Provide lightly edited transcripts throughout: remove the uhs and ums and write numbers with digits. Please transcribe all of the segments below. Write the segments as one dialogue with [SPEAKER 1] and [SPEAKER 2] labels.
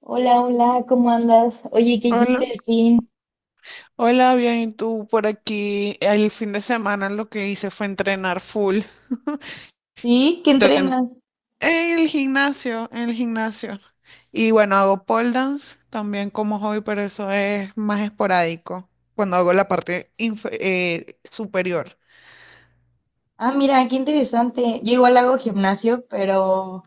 [SPEAKER 1] Hola, hola, ¿cómo andas? Oye, ¿qué
[SPEAKER 2] Hola,
[SPEAKER 1] hiciste el fin?
[SPEAKER 2] hola, bien, ¿y tú por aquí? El fin de semana lo que hice fue entrenar full.
[SPEAKER 1] ¿Sí? ¿Qué
[SPEAKER 2] Entren-
[SPEAKER 1] entrenas?
[SPEAKER 2] En el gimnasio, en el gimnasio. Y bueno, hago pole dance también como hobby, pero eso es más esporádico, cuando hago la parte superior.
[SPEAKER 1] Ah, mira, qué interesante. Yo igual hago gimnasio, pero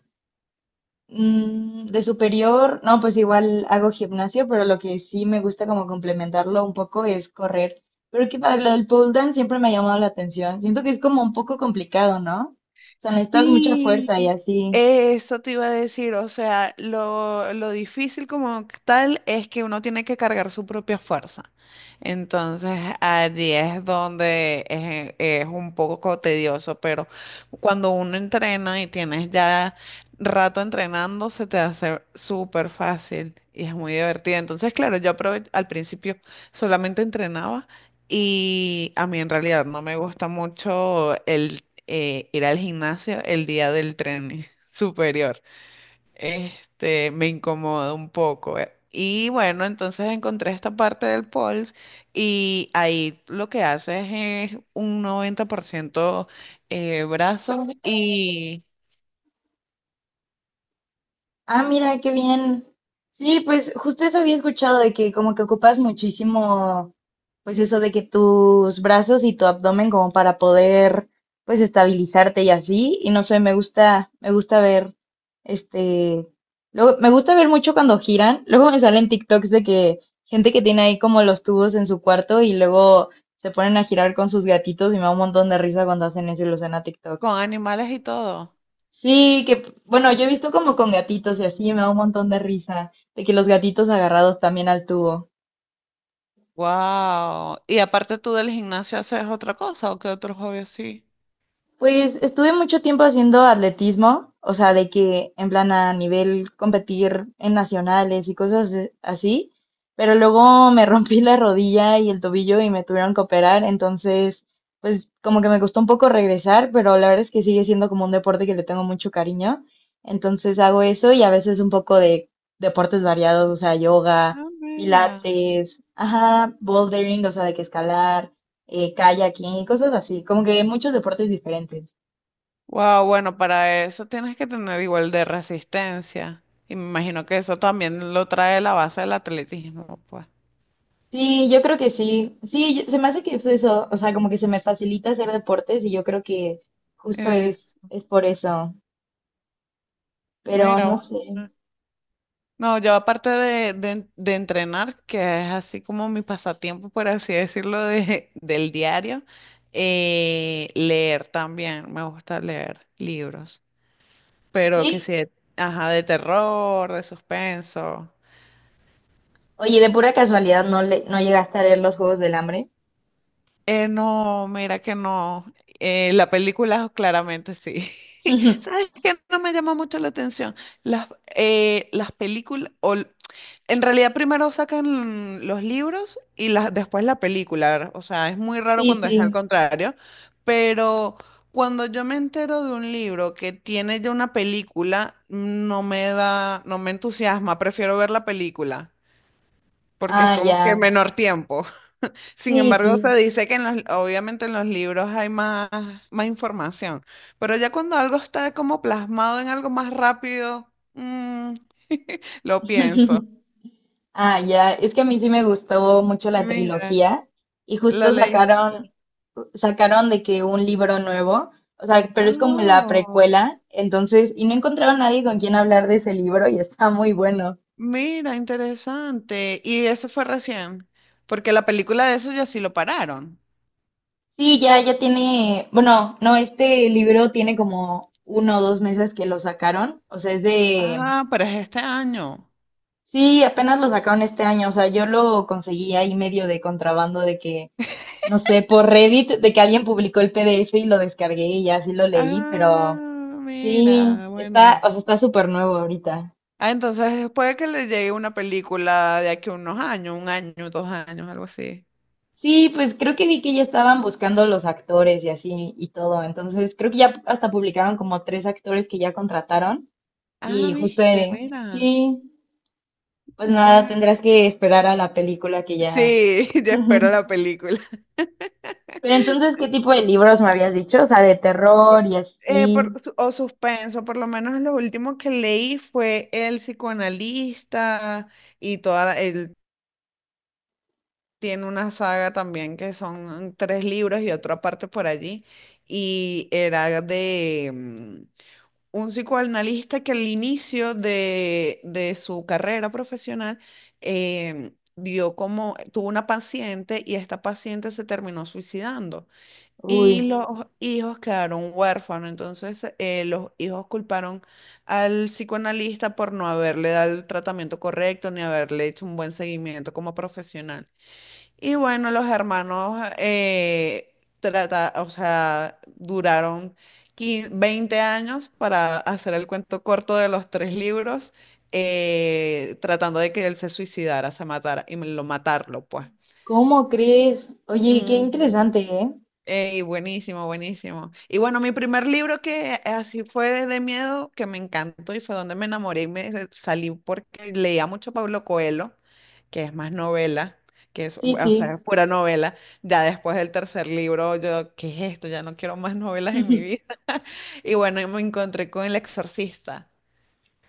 [SPEAKER 1] de superior, no, pues igual hago gimnasio, pero lo que sí me gusta como complementarlo un poco es correr. Pero que para lo del pole dance siempre me ha llamado la atención. Siento que es como un poco complicado, ¿no? O sea, necesitas mucha fuerza y
[SPEAKER 2] Sí,
[SPEAKER 1] así.
[SPEAKER 2] eso te iba a decir, o sea, lo difícil como tal es que uno tiene que cargar su propia fuerza. Entonces, allí es donde es un poco tedioso, pero cuando uno entrena y tienes ya rato entrenando, se te hace súper fácil y es muy divertido. Entonces, claro, yo al principio solamente entrenaba. Y a mí en realidad no me gusta mucho el ir al gimnasio el día del tren superior. Este, me incomoda un poco. Y bueno, entonces encontré esta parte del POLS y ahí lo que haces es un 90% brazos y
[SPEAKER 1] Ah, mira, qué bien. Sí, pues justo eso había escuchado de que como que ocupas muchísimo, pues eso de que tus brazos y tu abdomen como para poder pues estabilizarte y así. Y no sé, me gusta ver, este, luego me gusta ver mucho cuando giran. Luego me salen TikToks de que gente que tiene ahí como los tubos en su cuarto y luego se ponen a girar con sus gatitos y me da un montón de risa cuando hacen eso y lo suena a TikTok.
[SPEAKER 2] con animales y todo.
[SPEAKER 1] Sí, que bueno, yo he visto como con gatitos y así me da un montón de risa, de que los gatitos agarrados también al tubo.
[SPEAKER 2] Wow. ¿Y aparte tú del gimnasio haces otra cosa o qué otro hobby así?
[SPEAKER 1] Pues estuve mucho tiempo haciendo atletismo, o sea, de que en plan a nivel competir en nacionales y así, pero luego me rompí la rodilla y el tobillo y me tuvieron que operar, entonces, pues como que me costó un poco regresar, pero la verdad es que sigue siendo como un deporte que le tengo mucho cariño, entonces hago eso y a veces un poco de deportes variados, o sea, yoga,
[SPEAKER 2] Ah, mira.
[SPEAKER 1] pilates, ajá, bouldering, o sea, de que escalar kayaking y cosas así, como que muchos deportes diferentes.
[SPEAKER 2] Wow, bueno, para eso tienes que tener igual de resistencia. Y me imagino que eso también lo trae la base del atletismo, pues.
[SPEAKER 1] Sí, yo creo que sí. Sí, se me hace que es eso, o sea, como que se me facilita hacer deportes y yo creo que justo
[SPEAKER 2] Eh,
[SPEAKER 1] es por eso, pero
[SPEAKER 2] mira,
[SPEAKER 1] no
[SPEAKER 2] bueno.
[SPEAKER 1] sé.
[SPEAKER 2] No, yo aparte de entrenar, que es así como mi pasatiempo, por así decirlo, del diario, leer también, me gusta leer libros, pero que
[SPEAKER 1] Sí,
[SPEAKER 2] sí, ajá, de terror, de suspenso.
[SPEAKER 1] oye, de pura casualidad no llegaste a leer los Juegos del Hambre.
[SPEAKER 2] No, mira que no. La película claramente sí. ¿Sabes qué? No me llama mucho la atención. Las, las películas, en realidad primero sacan los libros y las después la película. O sea, es muy raro
[SPEAKER 1] Sí,
[SPEAKER 2] cuando es al
[SPEAKER 1] sí.
[SPEAKER 2] contrario, pero cuando yo me entero de un libro que tiene ya una película, no me da, no me entusiasma, prefiero ver la película, porque es
[SPEAKER 1] Ah,
[SPEAKER 2] como
[SPEAKER 1] ya.
[SPEAKER 2] que menor tiempo. Sin
[SPEAKER 1] Sí,
[SPEAKER 2] embargo, se
[SPEAKER 1] sí.
[SPEAKER 2] dice que en los, obviamente en los libros hay más, más información, pero ya cuando algo está como plasmado en algo más rápido, mm, lo pienso.
[SPEAKER 1] Ah, ya, es que a mí sí me gustó mucho la
[SPEAKER 2] Mira,
[SPEAKER 1] trilogía y
[SPEAKER 2] la
[SPEAKER 1] justo
[SPEAKER 2] ley.
[SPEAKER 1] sacaron, sacaron de que un libro nuevo, o sea, pero es como la
[SPEAKER 2] Oh,
[SPEAKER 1] precuela, entonces, y no encontraron nadie con quien hablar de ese libro y está muy bueno.
[SPEAKER 2] mira, interesante. Y eso fue recién, porque la película de eso ya sí lo pararon.
[SPEAKER 1] Sí, ya, ya tiene, bueno, no, este libro tiene como uno o dos meses que lo sacaron, o sea, es de,
[SPEAKER 2] Ah, pero es este año.
[SPEAKER 1] sí, apenas lo sacaron este año, o sea, yo lo conseguí ahí medio de contrabando de que no sé, por Reddit, de que alguien publicó el PDF y lo descargué y ya sí lo leí,
[SPEAKER 2] Ah,
[SPEAKER 1] pero sí,
[SPEAKER 2] mira,
[SPEAKER 1] está,
[SPEAKER 2] buena.
[SPEAKER 1] o sea, está súper nuevo ahorita.
[SPEAKER 2] Ah, entonces puede que le llegue una película de aquí a unos años, un año, dos años, algo así.
[SPEAKER 1] Sí, pues creo que vi que ya estaban buscando los actores y así y todo. Entonces, creo que ya hasta publicaron como tres actores que ya contrataron.
[SPEAKER 2] Ah,
[SPEAKER 1] Y justo,
[SPEAKER 2] viste, mira.
[SPEAKER 1] sí, pues nada,
[SPEAKER 2] Bueno,
[SPEAKER 1] tendrás que esperar a la película que ya.
[SPEAKER 2] sí, yo espero la película.
[SPEAKER 1] Pero entonces, ¿qué tipo de libros me habías dicho? O sea, de
[SPEAKER 2] Por-
[SPEAKER 1] terror y
[SPEAKER 2] eh,
[SPEAKER 1] así.
[SPEAKER 2] por su- o suspenso, por lo menos lo último que leí fue El psicoanalista y toda, él tiene una saga también que son tres libros y otra parte por allí y era de, un psicoanalista que al inicio de su carrera profesional tuvo una paciente y esta paciente se terminó suicidando y
[SPEAKER 1] Uy.
[SPEAKER 2] los, sí, hijos quedaron huérfanos. Entonces los hijos culparon al psicoanalista por no haberle dado el tratamiento correcto ni haberle hecho un buen seguimiento como profesional. Y bueno, los hermanos o sea, duraron 15 20 años para hacer el cuento corto de los tres libros, tratando de que él se suicidara, se matara y lo matarlo, pues.
[SPEAKER 1] ¿Cómo crees? Oye, qué
[SPEAKER 2] Mm. Ujú.
[SPEAKER 1] interesante, ¿eh?
[SPEAKER 2] Ey, buenísimo, buenísimo. Y bueno, mi primer libro que así fue de miedo, que me encantó y fue donde me enamoré y salí porque leía mucho Pablo Coelho, que es más novela, que es,
[SPEAKER 1] Sí,
[SPEAKER 2] o sea, es
[SPEAKER 1] sí.
[SPEAKER 2] pura novela. Ya después del tercer libro, yo, ¿qué es esto? Ya no quiero más novelas en mi vida. Y bueno, y me encontré con El Exorcista.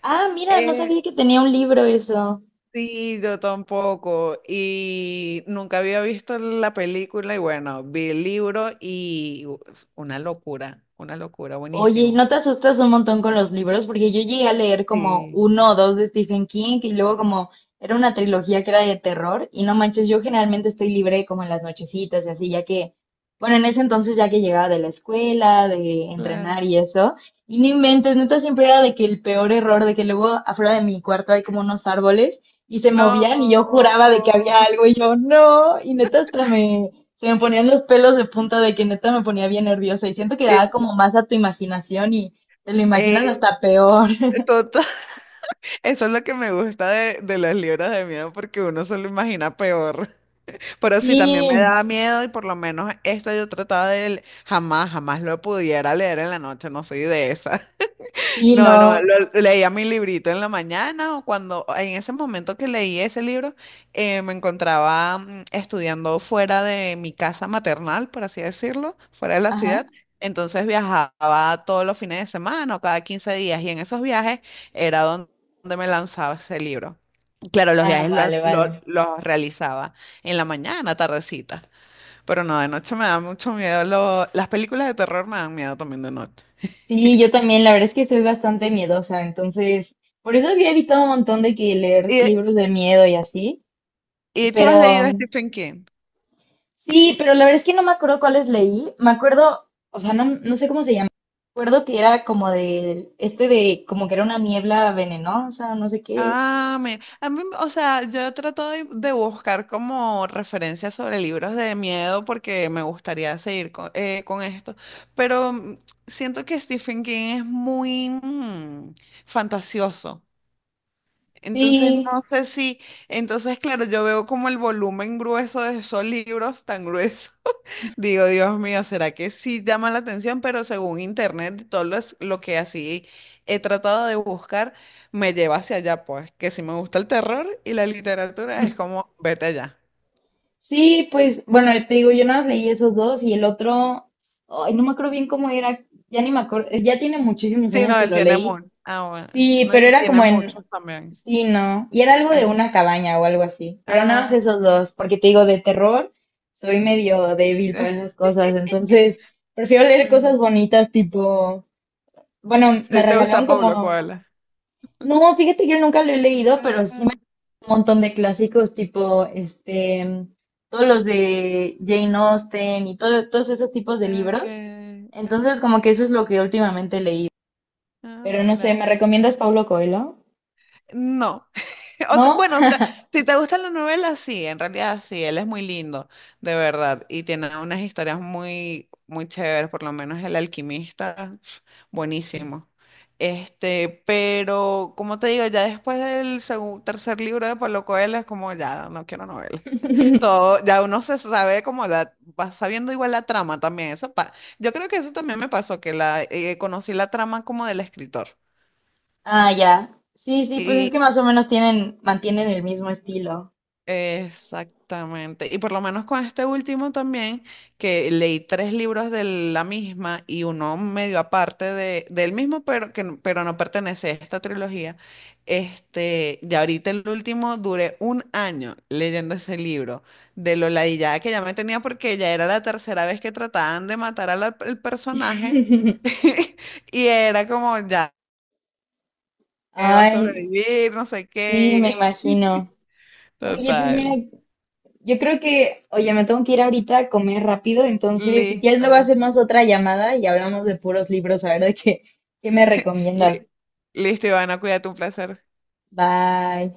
[SPEAKER 1] Ah, mira, no sabía
[SPEAKER 2] Eh,
[SPEAKER 1] que tenía un libro eso.
[SPEAKER 2] Sí, yo tampoco. Y nunca había visto la película y bueno, vi el libro y una locura,
[SPEAKER 1] Oye, ¿y
[SPEAKER 2] buenísimo.
[SPEAKER 1] no te asustas un montón con los libros? Porque yo llegué a leer como
[SPEAKER 2] Sí,
[SPEAKER 1] uno o dos de Stephen King y luego como era una trilogía que era de terror y no manches, yo generalmente estoy libre como en las nochecitas y así, ya que, bueno, en ese entonces ya que llegaba de la escuela, de
[SPEAKER 2] claro.
[SPEAKER 1] entrenar y eso, y no inventes, neta siempre era de que el peor error, de que luego afuera de mi cuarto hay como unos árboles y se movían y yo
[SPEAKER 2] No.
[SPEAKER 1] juraba de que había algo y yo no, y neta hasta me se me ponían los pelos de punta de que neta me ponía bien nerviosa y siento que
[SPEAKER 2] Sí,
[SPEAKER 1] da como más a tu imaginación y te lo imaginas
[SPEAKER 2] eh,
[SPEAKER 1] hasta peor.
[SPEAKER 2] total, eso es lo que me gusta de los libros de miedo porque uno se lo imagina peor. Pero sí, también me
[SPEAKER 1] Sí,
[SPEAKER 2] da miedo y por lo menos esta yo trataba de. Jamás, jamás lo pudiera leer en la noche, no soy de esa.
[SPEAKER 1] sí,
[SPEAKER 2] No, no,
[SPEAKER 1] no.
[SPEAKER 2] leía mi librito en la mañana o cuando, en ese momento que leí ese libro, me encontraba estudiando fuera de mi casa maternal, por así decirlo, fuera de la
[SPEAKER 1] Ajá.
[SPEAKER 2] ciudad. Entonces viajaba todos los fines de semana o cada 15 días y en esos viajes era donde me lanzaba ese libro. Claro, los
[SPEAKER 1] Ah,
[SPEAKER 2] viajes lo
[SPEAKER 1] vale,
[SPEAKER 2] lo-
[SPEAKER 1] vale.
[SPEAKER 2] los realizaba en la mañana, tardecita, pero no, de noche me da mucho miedo. Las películas de terror me dan miedo también de noche.
[SPEAKER 1] Sí, yo también, la verdad es que soy bastante miedosa, entonces, por eso había evitado un montón de que leer
[SPEAKER 2] Y,
[SPEAKER 1] libros de miedo y así,
[SPEAKER 2] ¿Y tú has leído a
[SPEAKER 1] pero
[SPEAKER 2] Stephen King?
[SPEAKER 1] sí, pero la verdad es que no me acuerdo cuáles leí, me acuerdo, o sea, no sé cómo se llama, me acuerdo que era como como que era una niebla venenosa, no sé qué,
[SPEAKER 2] Ah, a mí, o sea, yo trato de buscar como referencias sobre libros de miedo porque me gustaría seguir con esto, pero siento que Stephen King es muy fantasioso. Entonces,
[SPEAKER 1] sí,
[SPEAKER 2] no sé si, entonces, claro, yo veo como el volumen grueso de esos libros tan gruesos. Digo, Dios mío, ¿será que sí llama la atención? Pero según internet, todo lo que así he tratado de buscar me lleva hacia allá, pues, que si me gusta el terror y la literatura es como, vete allá.
[SPEAKER 1] sí, pues bueno, te digo, yo nada más leí esos dos y el otro, ay, no me acuerdo bien cómo era, ya ni me acuerdo, ya tiene muchísimos
[SPEAKER 2] Sí,
[SPEAKER 1] años
[SPEAKER 2] no,
[SPEAKER 1] que
[SPEAKER 2] él
[SPEAKER 1] lo
[SPEAKER 2] tiene
[SPEAKER 1] leí.
[SPEAKER 2] mucho. Ah, bueno.
[SPEAKER 1] Sí,
[SPEAKER 2] No,
[SPEAKER 1] pero
[SPEAKER 2] y
[SPEAKER 1] era
[SPEAKER 2] tiene
[SPEAKER 1] como en,
[SPEAKER 2] muchos también.
[SPEAKER 1] sí, no, y era algo
[SPEAKER 2] Eh,
[SPEAKER 1] de una cabaña o algo así, pero nada más
[SPEAKER 2] ah,
[SPEAKER 1] esos dos, porque te digo, de terror, soy medio débil para esas cosas, entonces prefiero leer
[SPEAKER 2] bueno.
[SPEAKER 1] cosas bonitas tipo, bueno, me
[SPEAKER 2] Sí, te
[SPEAKER 1] regalaron
[SPEAKER 2] gusta Pablo
[SPEAKER 1] como,
[SPEAKER 2] Coelho.
[SPEAKER 1] no, fíjate que nunca lo he leído, pero sí un
[SPEAKER 2] Ah,
[SPEAKER 1] montón de clásicos tipo todos los de Jane Austen y todo, todos esos tipos de libros.
[SPEAKER 2] ok,
[SPEAKER 1] Entonces, como que eso
[SPEAKER 2] ok.
[SPEAKER 1] es lo que últimamente leí.
[SPEAKER 2] Ah,
[SPEAKER 1] Pero no sé,
[SPEAKER 2] mira.
[SPEAKER 1] ¿me recomiendas Paulo Coelho?
[SPEAKER 2] No. O sea,
[SPEAKER 1] ¿No?
[SPEAKER 2] bueno, o sea, si te gustan las novelas, sí, en realidad sí, él es muy lindo, de verdad, y tiene unas historias muy, muy chéveres, por lo menos El Alquimista, buenísimo. Este, pero como te digo, ya después del tercer libro de Pablo Coelho es como ya, no quiero novelas. Todo, ya uno se sabe como va sabiendo igual la trama también, eso pa, yo creo que eso también me pasó, que conocí la trama como del escritor.
[SPEAKER 1] Ah, ya. Sí, sí, pues es que más o menos tienen, mantienen el mismo estilo.
[SPEAKER 2] Exactamente. Y por lo menos con este último también, que leí tres libros de la misma y uno medio aparte del mismo, pero no pertenece a esta trilogía. Este, y ahorita el último duré un año leyendo ese libro, de lo ladillada que ya me tenía porque ya era la tercera vez que trataban de matar al personaje. Y era como, ya, va a
[SPEAKER 1] Ay,
[SPEAKER 2] sobrevivir, no sé
[SPEAKER 1] sí, me
[SPEAKER 2] qué.
[SPEAKER 1] imagino. Oye, pues mira,
[SPEAKER 2] Total.
[SPEAKER 1] yo creo que, oye, me tengo que ir ahorita a comer rápido, entonces si quieres
[SPEAKER 2] Listo.
[SPEAKER 1] luego hacemos otra llamada y hablamos de puros libros, a ver de qué, qué me
[SPEAKER 2] Li-
[SPEAKER 1] recomiendas.
[SPEAKER 2] Listo, Ivana, cuídate, un placer.
[SPEAKER 1] Bye.